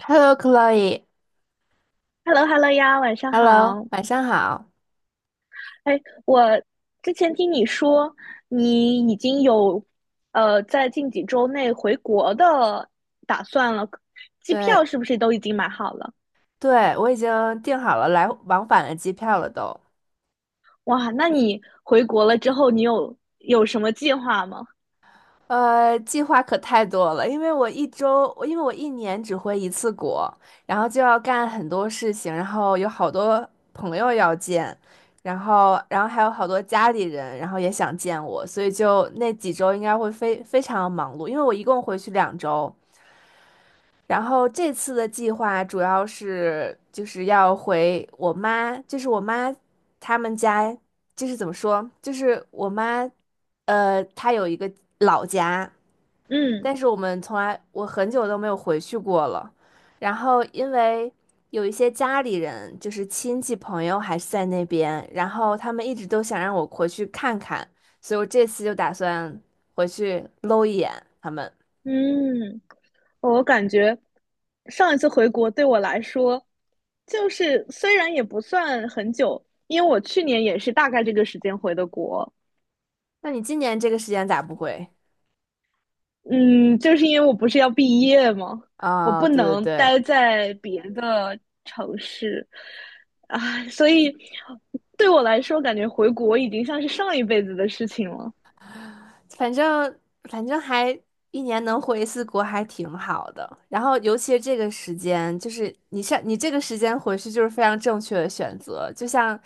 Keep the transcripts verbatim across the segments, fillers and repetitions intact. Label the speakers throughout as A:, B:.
A: Hello, Chloe，Hello，
B: h e l l o h e l l o 呀，晚上好。
A: 晚上好。
B: 哎，我之前听你说你已经有呃在近几周内回国的打算了，机
A: 对
B: 票是不是都已经买好了？
A: 对，我已经订好了来往返的机票了都。
B: 哇，那你回国了之后，你有有什么计划吗？
A: 呃，计划可太多了，因为我一周，我因为我一年只回一次国，然后就要干很多事情，然后有好多朋友要见，然后然后还有好多家里人，然后也想见我，所以就那几周应该会非非常忙碌，因为我一共回去两周。然后这次的计划主要是就是要回我妈，就是我妈他们家，就是怎么说，就是我妈，呃，她有一个老家，
B: 嗯
A: 但是我们从来我很久都没有回去过了。然后因为有一些家里人，就是亲戚朋友还是在那边，然后他们一直都想让我回去看看，所以我这次就打算回去搂一眼他们。
B: 嗯，我感觉上一次回国对我来说，就是虽然也不算很久，因为我去年也是大概这个时间回的国，
A: 那你今年这个时间咋不回？
B: 嗯，就是因为我不是要毕业吗？我
A: 啊，
B: 不
A: 对对
B: 能
A: 对，
B: 待在别的城市，啊，所以对我来说，感觉回国已经像是上一辈子的事情了。
A: 反正反正还一年能回一次国还挺好的。然后尤其是这个时间，就是你上你这个时间回去就是非常正确的选择。就像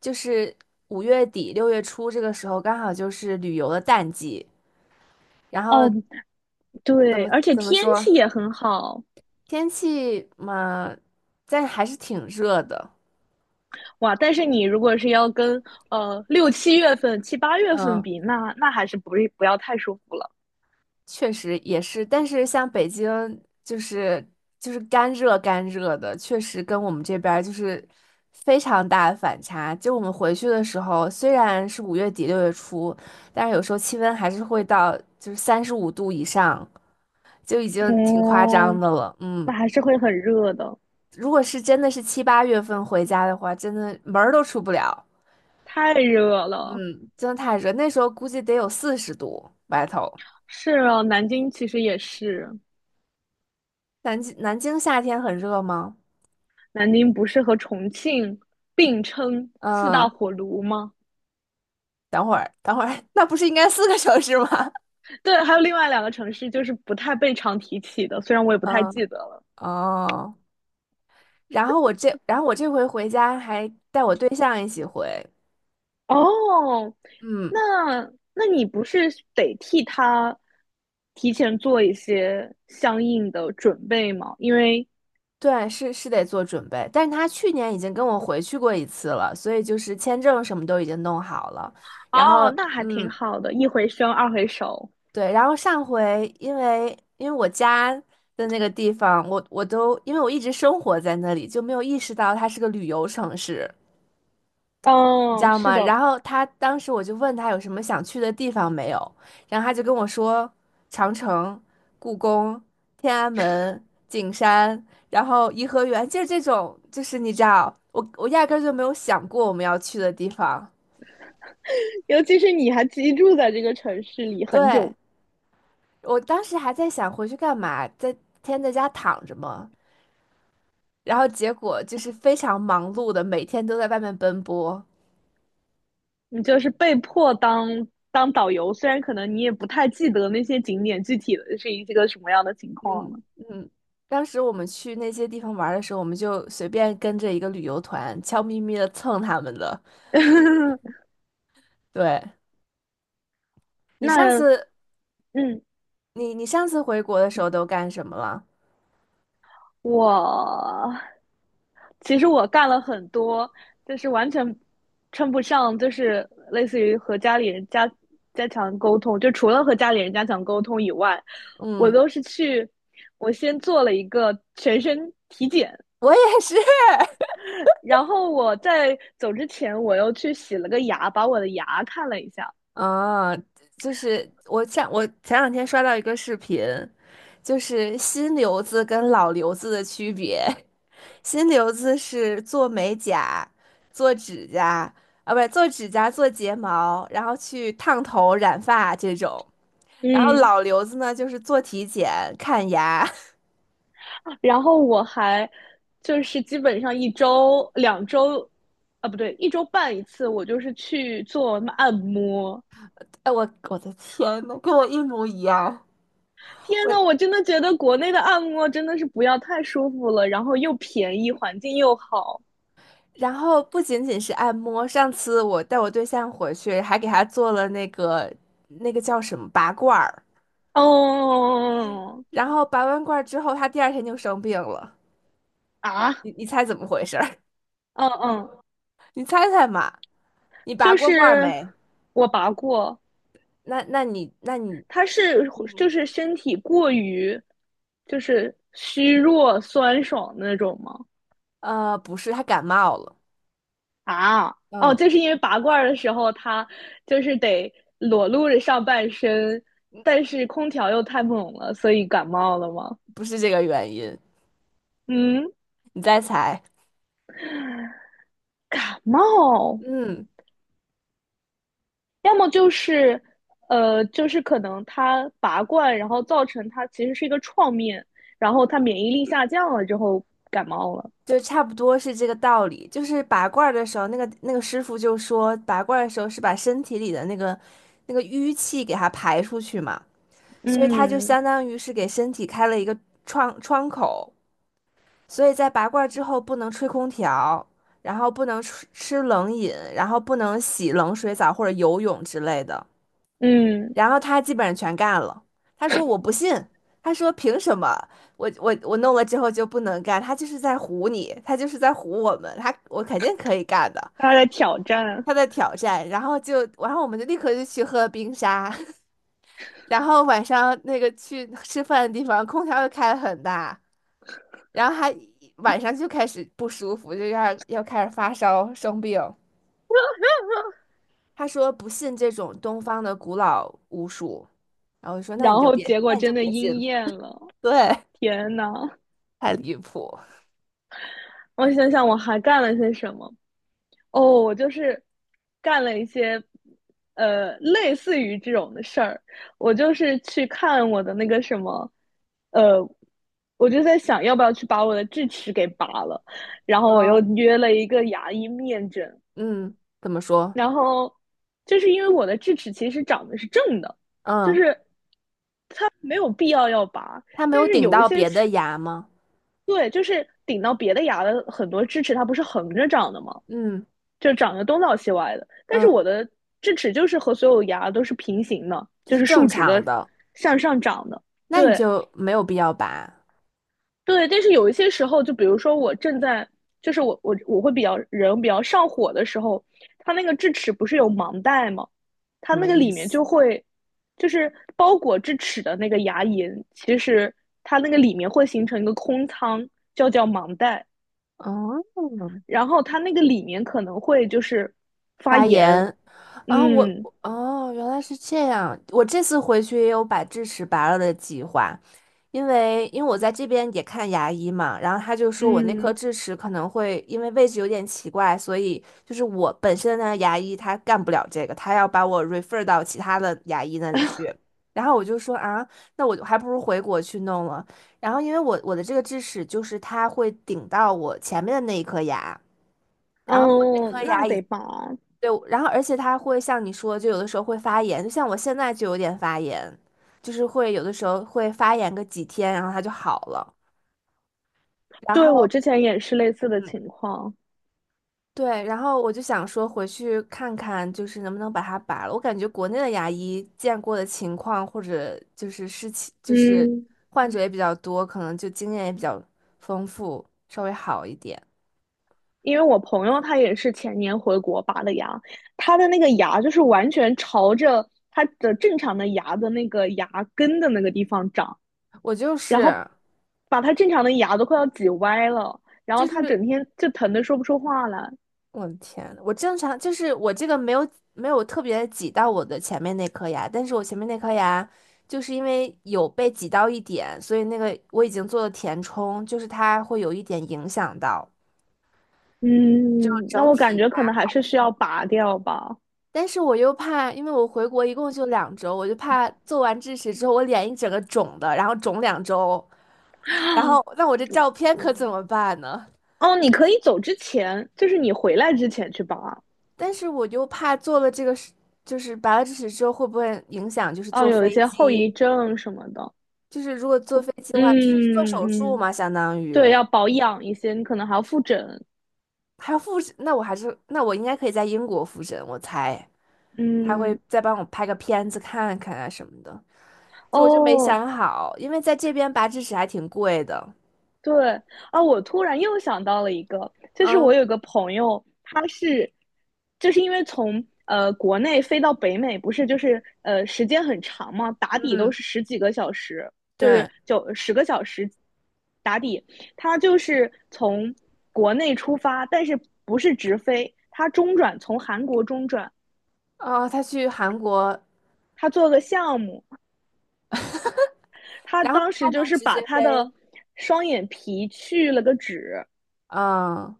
A: 就是五月底六月初这个时候，刚好就是旅游的淡季。然后
B: 哦，
A: 怎
B: 对，
A: 么
B: 而且
A: 怎么
B: 天
A: 说，
B: 气也很好，
A: 天气嘛，但还是挺热的。
B: 哇！但是你如果是要跟呃六七月份、七八月份
A: 嗯，
B: 比，那那还是不是不要太舒服了。
A: 确实也是，但是像北京就是就是干热干热的，确实跟我们这边儿就是非常大的反差。就我们回去的时候，虽然是五月底六月初，但是有时候气温还是会到就是三十五度以上，就已经挺夸张
B: 哦，
A: 的了。
B: 那
A: 嗯，
B: 还是会很热的，
A: 如果是真的是七八月份回家的话，真的门儿都出不了。
B: 太热了。
A: 嗯，真的太热，那时候估计得有四十度外头。
B: 是啊，南京其实也是。
A: 南京南京夏天很热吗？
B: 南宁不是和重庆并称四大
A: 嗯。
B: 火炉吗？
A: 等会儿，等会儿，那不是应该四个小时吗？
B: 对，还有另外两个城市就是不太被常提起的，虽然我也不太记
A: 嗯，
B: 得了。
A: 哦，然后我这，然后我这回回家还带我对象一起回，
B: 哦，
A: 嗯，
B: 那那你不是得替他提前做一些相应的准备吗？因为
A: 对，是是得做准备，但是他去年已经跟我回去过一次了，所以就是签证什么都已经弄好了，然
B: 哦，
A: 后，
B: 那还挺
A: 嗯，
B: 好的，一回生二回熟。
A: 对，然后上回因为因为我家的那个地方，我我都因为我一直生活在那里，就没有意识到它是个旅游城市。你知
B: 哦，
A: 道
B: 是
A: 吗？
B: 的，
A: 然后他当时我就问他有什么想去的地方没有，然后他就跟我说长城、故宫、天安门、景山，然后颐和园，就是这种，就是你知道，我我压根儿就没有想过我们要去的地方。
B: 尤其是你还居住在这个城市里很
A: 对，
B: 久
A: 我当时还在想回去干嘛，在天天在家躺着嘛，然后结果就是非常忙碌的，每天都在外面奔波。
B: 你就是被迫当当导游，虽然可能你也不太记得那些景点具体的是一个什么样的情况了。
A: 嗯嗯，当时我们去那些地方玩儿的时候，我们就随便跟着一个旅游团，悄咪咪的蹭他们的。对，你上
B: 那
A: 次，
B: 嗯，
A: 你你上次回国的时候都干什么了？
B: 我其实我干了很多，就是完全称不上，就是类似于和家里人加加强沟通，就除了和家里人加强沟通以外，我
A: 嗯，
B: 都是去，我先做了一个全身体检，
A: 我也是。
B: 然后我在走之前，我又去洗了个牙，把我的牙看了一下。
A: 啊，就是我前我前两天刷到一个视频，就是新留子跟老留子的区别。新留子是做美甲、做指甲啊，不是做指甲、做睫毛，然后去烫头、染发这种。然后
B: 嗯，
A: 老刘子呢，就是做体检、看牙。
B: 然后我还就是基本上一周、两周，啊不对，一周半一次，我就是去做按摩。
A: 哎，我我的天呐，跟我一模一样。
B: 天
A: 我
B: 呐，我真的觉得国内的按摩真的是不要太舒服了，然后又便宜，环境又好。
A: 然后不仅仅是按摩，上次我带我对象回去，还给他做了那个那个叫什么拔罐儿。
B: 哦
A: 然后拔完罐儿之后，他第二天就生病了。
B: 啊，
A: 你你猜怎么回事儿？
B: 嗯嗯，
A: 你猜猜嘛？你拔
B: 就
A: 过罐儿
B: 是
A: 没？
B: 我拔过，
A: 那那你那你
B: 他是
A: 嗯
B: 就是身体过于就是虚弱酸爽的那种吗？
A: 呃，不是，他感冒了。
B: 啊，哦，
A: 嗯，
B: 就是因为拔罐的时候他就是得裸露着上半身，但是空调又太猛了，所以感冒了吗？
A: 不是这个原因。
B: 嗯，
A: 你再猜。
B: 感冒，
A: 嗯。
B: 要么就是呃，就是可能他拔罐，然后造成他其实是一个创面，然后他免疫力下降了之后感冒了。
A: 就差不多是这个道理。就是拔罐儿的时候，那个那个师傅就说，拔罐儿的时候是把身体里的那个那个淤气给它排出去嘛，所以它就
B: 嗯
A: 相当于是给身体开了一个窗窗口。所以在拔罐儿之后，不能吹空调，然后不能吃吃冷饮，然后不能洗冷水澡或者游泳之类的。
B: 嗯，
A: 然后他基本上全干了。他说我不信，他说凭什么我我我弄了之后就不能干？他就是在唬你，他就是在唬我们，他我肯定可以干的。
B: 他在挑战。
A: 他在挑战，然后就然后我们就立刻就去喝冰沙，然后晚上那个去吃饭的地方空调又开得很大，然后还晚上就开始不舒服，就要要开始发烧生病。他说不信这种东方的古老巫术，然后我说那
B: 然
A: 你就
B: 后
A: 别
B: 结果
A: 那你就
B: 真的
A: 别信，
B: 应验了，
A: 对。
B: 天呐，
A: 太离谱。
B: 我想想我还干了些什么？哦，我就是干了一些呃类似于这种的事儿。我就是去看我的那个什么，呃，我就在想要不要去把我的智齿给拔了，然后我又
A: 嗯，
B: 约了一个牙医面诊，
A: 嗯，怎么说？
B: 然后就是因为我的智齿其实长得是正的，就
A: 嗯，
B: 是它没有必要要拔，
A: 他没
B: 但
A: 有
B: 是
A: 顶
B: 有一
A: 到
B: 些
A: 别的
B: 是
A: 牙吗？
B: 对，就是顶到别的牙的很多智齿，它不是横着长的吗？
A: 嗯
B: 就长得东倒西歪的。但是
A: 嗯，
B: 我的智齿就是和所有牙都是平行的，
A: 就
B: 就
A: 是
B: 是
A: 正
B: 竖直的，
A: 常的，
B: 向上长的。
A: 那你
B: 对
A: 就没有必要拔，
B: 对，但是有一些时候，就比如说我正在，就是我我我会比较人比较上火的时候，它那个智齿不是有盲袋吗？它
A: 什
B: 那
A: 么
B: 个
A: 意
B: 里面
A: 思？
B: 就会，就是包裹智齿的那个牙龈，其实它那个里面会形成一个空腔，叫叫盲袋。
A: 哦，
B: 然后它那个里面可能会就是发
A: 拔
B: 炎，
A: 牙啊，我
B: 嗯
A: 哦，原来是这样。我这次回去也有把智齿拔了的计划，因为因为我在这边也看牙医嘛，然后他就说我那颗
B: 嗯
A: 智齿可能会因为位置有点奇怪，所以就是我本身的牙医他干不了这个，他要把我 refer 到其他的牙医那里去。然后我就说啊，那我还不如回国去弄了。然后因为我我的这个智齿就是它会顶到我前面的那一颗牙。然后。
B: 哦，那得拔。
A: 对，然后而且它会像你说，就有的时候会发炎，就像我现在就有点发炎，就是会有的时候会发炎个几天，然后它就好了。然
B: 对，我
A: 后，
B: 之前也是类似的
A: 嗯，
B: 情况，
A: 对，然后我就想说回去看看，就是能不能把它拔了。我感觉国内的牙医见过的情况或者就是事情，就是
B: 嗯，
A: 患者也比较多，可能就经验也比较丰富，稍微好一点。
B: 因为我朋友他也是前年回国拔的牙，他的那个牙就是完全朝着他的正常的牙的那个牙根的那个地方长，
A: 我就
B: 然后
A: 是
B: 把他正常的牙都快要挤歪了，然后
A: 就
B: 他
A: 是
B: 整天就疼的说不出话来。
A: 我的天，我正常就是我这个没有没有特别挤到我的前面那颗牙，但是我前面那颗牙就是因为有被挤到一点，所以那个我已经做了填充，就是它会有一点影响到，就
B: 嗯，那
A: 整
B: 我感
A: 体
B: 觉可能
A: 它。
B: 还是需要拔掉吧。
A: 但是我又怕，因为我回国一共就两周，我就怕做完智齿之后我脸一整个肿的，然后肿两周，然后那我这照片可怎么办呢？
B: 哦，你可以走之前，就是你回来之前去保啊。
A: 但是我又怕做了这个事，就是拔了智齿之后会不会影响，就是
B: 哦，
A: 坐
B: 有一
A: 飞
B: 些后遗
A: 机。
B: 症什么的。
A: 就是如果坐飞机的话，就是做手
B: 嗯
A: 术
B: 嗯，
A: 嘛，相当于
B: 对，要保养一些，你可能还要复诊。
A: 还要复诊。那我还是，那我应该可以在英国复诊，我猜他会
B: 嗯，
A: 再帮我拍个片子看看啊什么的。就我就没
B: 哦，
A: 想好，因为在这边拔智齿还挺贵的。
B: 对啊，我突然又想到了一个，就是
A: 嗯
B: 我有个朋友，他是，就是因为从呃国内飞到北美，不是就是呃时间很长嘛，打底都
A: 嗯，
B: 是十几个小时，就是
A: 对。
B: 九十个小时打底。他就是从国内出发，但是不是直飞，他中转从韩国中转，
A: 哦，他去韩国，
B: 他做个项目，他
A: 然后
B: 当
A: 他
B: 时就
A: 能
B: 是
A: 直
B: 把
A: 接
B: 他的
A: 飞。
B: 双眼皮去了个脂。
A: 嗯，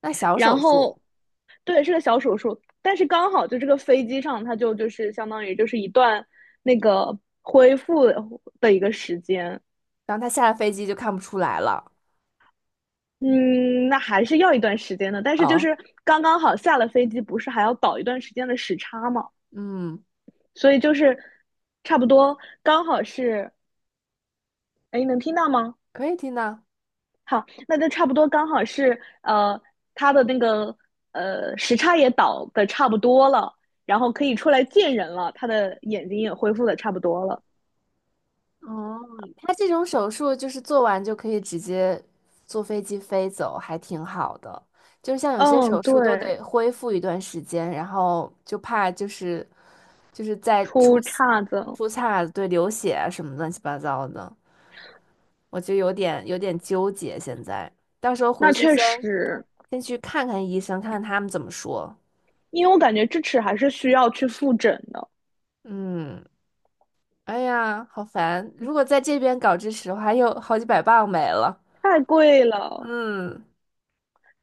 A: 那小
B: 然
A: 手
B: 后，
A: 术，
B: 对，是个小手术，但是刚好就这个飞机上，它就就是相当于就是一段那个恢复的一个时间。
A: 然后他下了飞机就看不出来了。
B: 嗯，那还是要一段时间的，但是就
A: 哦，
B: 是刚刚好下了飞机，不是还要倒一段时间的时差嘛，
A: 嗯，
B: 所以就是差不多刚好是，哎，能听到吗？
A: 可以听到。
B: 好，那就差不多刚好是呃，他的那个呃时差也倒的差不多了，然后可以出来见人了，他的眼睛也恢复的差不多了。
A: 他这种手术就是做完就可以直接坐飞机飞走，还挺好的。就是像有些
B: 嗯，
A: 手术都
B: 对，
A: 得恢复一段时间，然后就怕就是就是再出
B: 出
A: 血
B: 岔子了，
A: 出岔子对，流血啊什么乱七八糟的，我就有点有点纠结。现在到时候回
B: 那
A: 去
B: 确
A: 先
B: 实，
A: 先去看看医生，看看他们怎么说。
B: 因为我感觉智齿还是需要去复诊的，
A: 嗯，哎呀，好烦！如果在这边搞支持的话，又好几百磅没了。
B: 太贵了。
A: 嗯，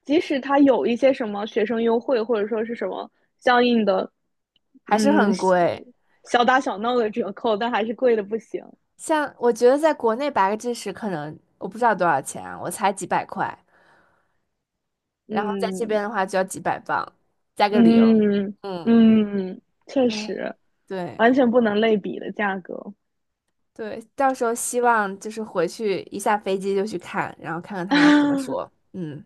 B: 即使他有一些什么学生优惠，或者说是什么相应的，
A: 还是
B: 嗯，
A: 很贵。
B: 小打小闹的折扣，但还是贵的不行。
A: 像我觉得在国内拔个智齿可能我不知道多少钱啊我才几百块，然后在这边
B: 嗯，
A: 的话就要几百磅，加个零。
B: 嗯
A: 嗯，
B: 嗯，确
A: 哎，
B: 实，
A: 对
B: 完全不能类比的价格。
A: 对，到时候希望就是回去一下飞机就去看，然后看看他怎么说。嗯，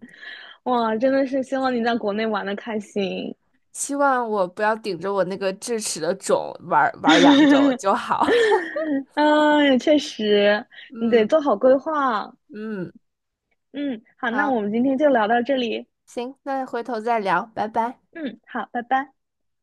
B: 哇，真的是希望你在国内玩的开心。
A: 希望我不要顶着我那个智齿的肿玩儿玩儿两周就 好。
B: 嗯，也确实，你得
A: 嗯
B: 做好规划。
A: 嗯，
B: 嗯，好，那
A: 好，
B: 我们今天就聊到这里。
A: 行，那回头再聊，拜拜。
B: 嗯，好，拜拜。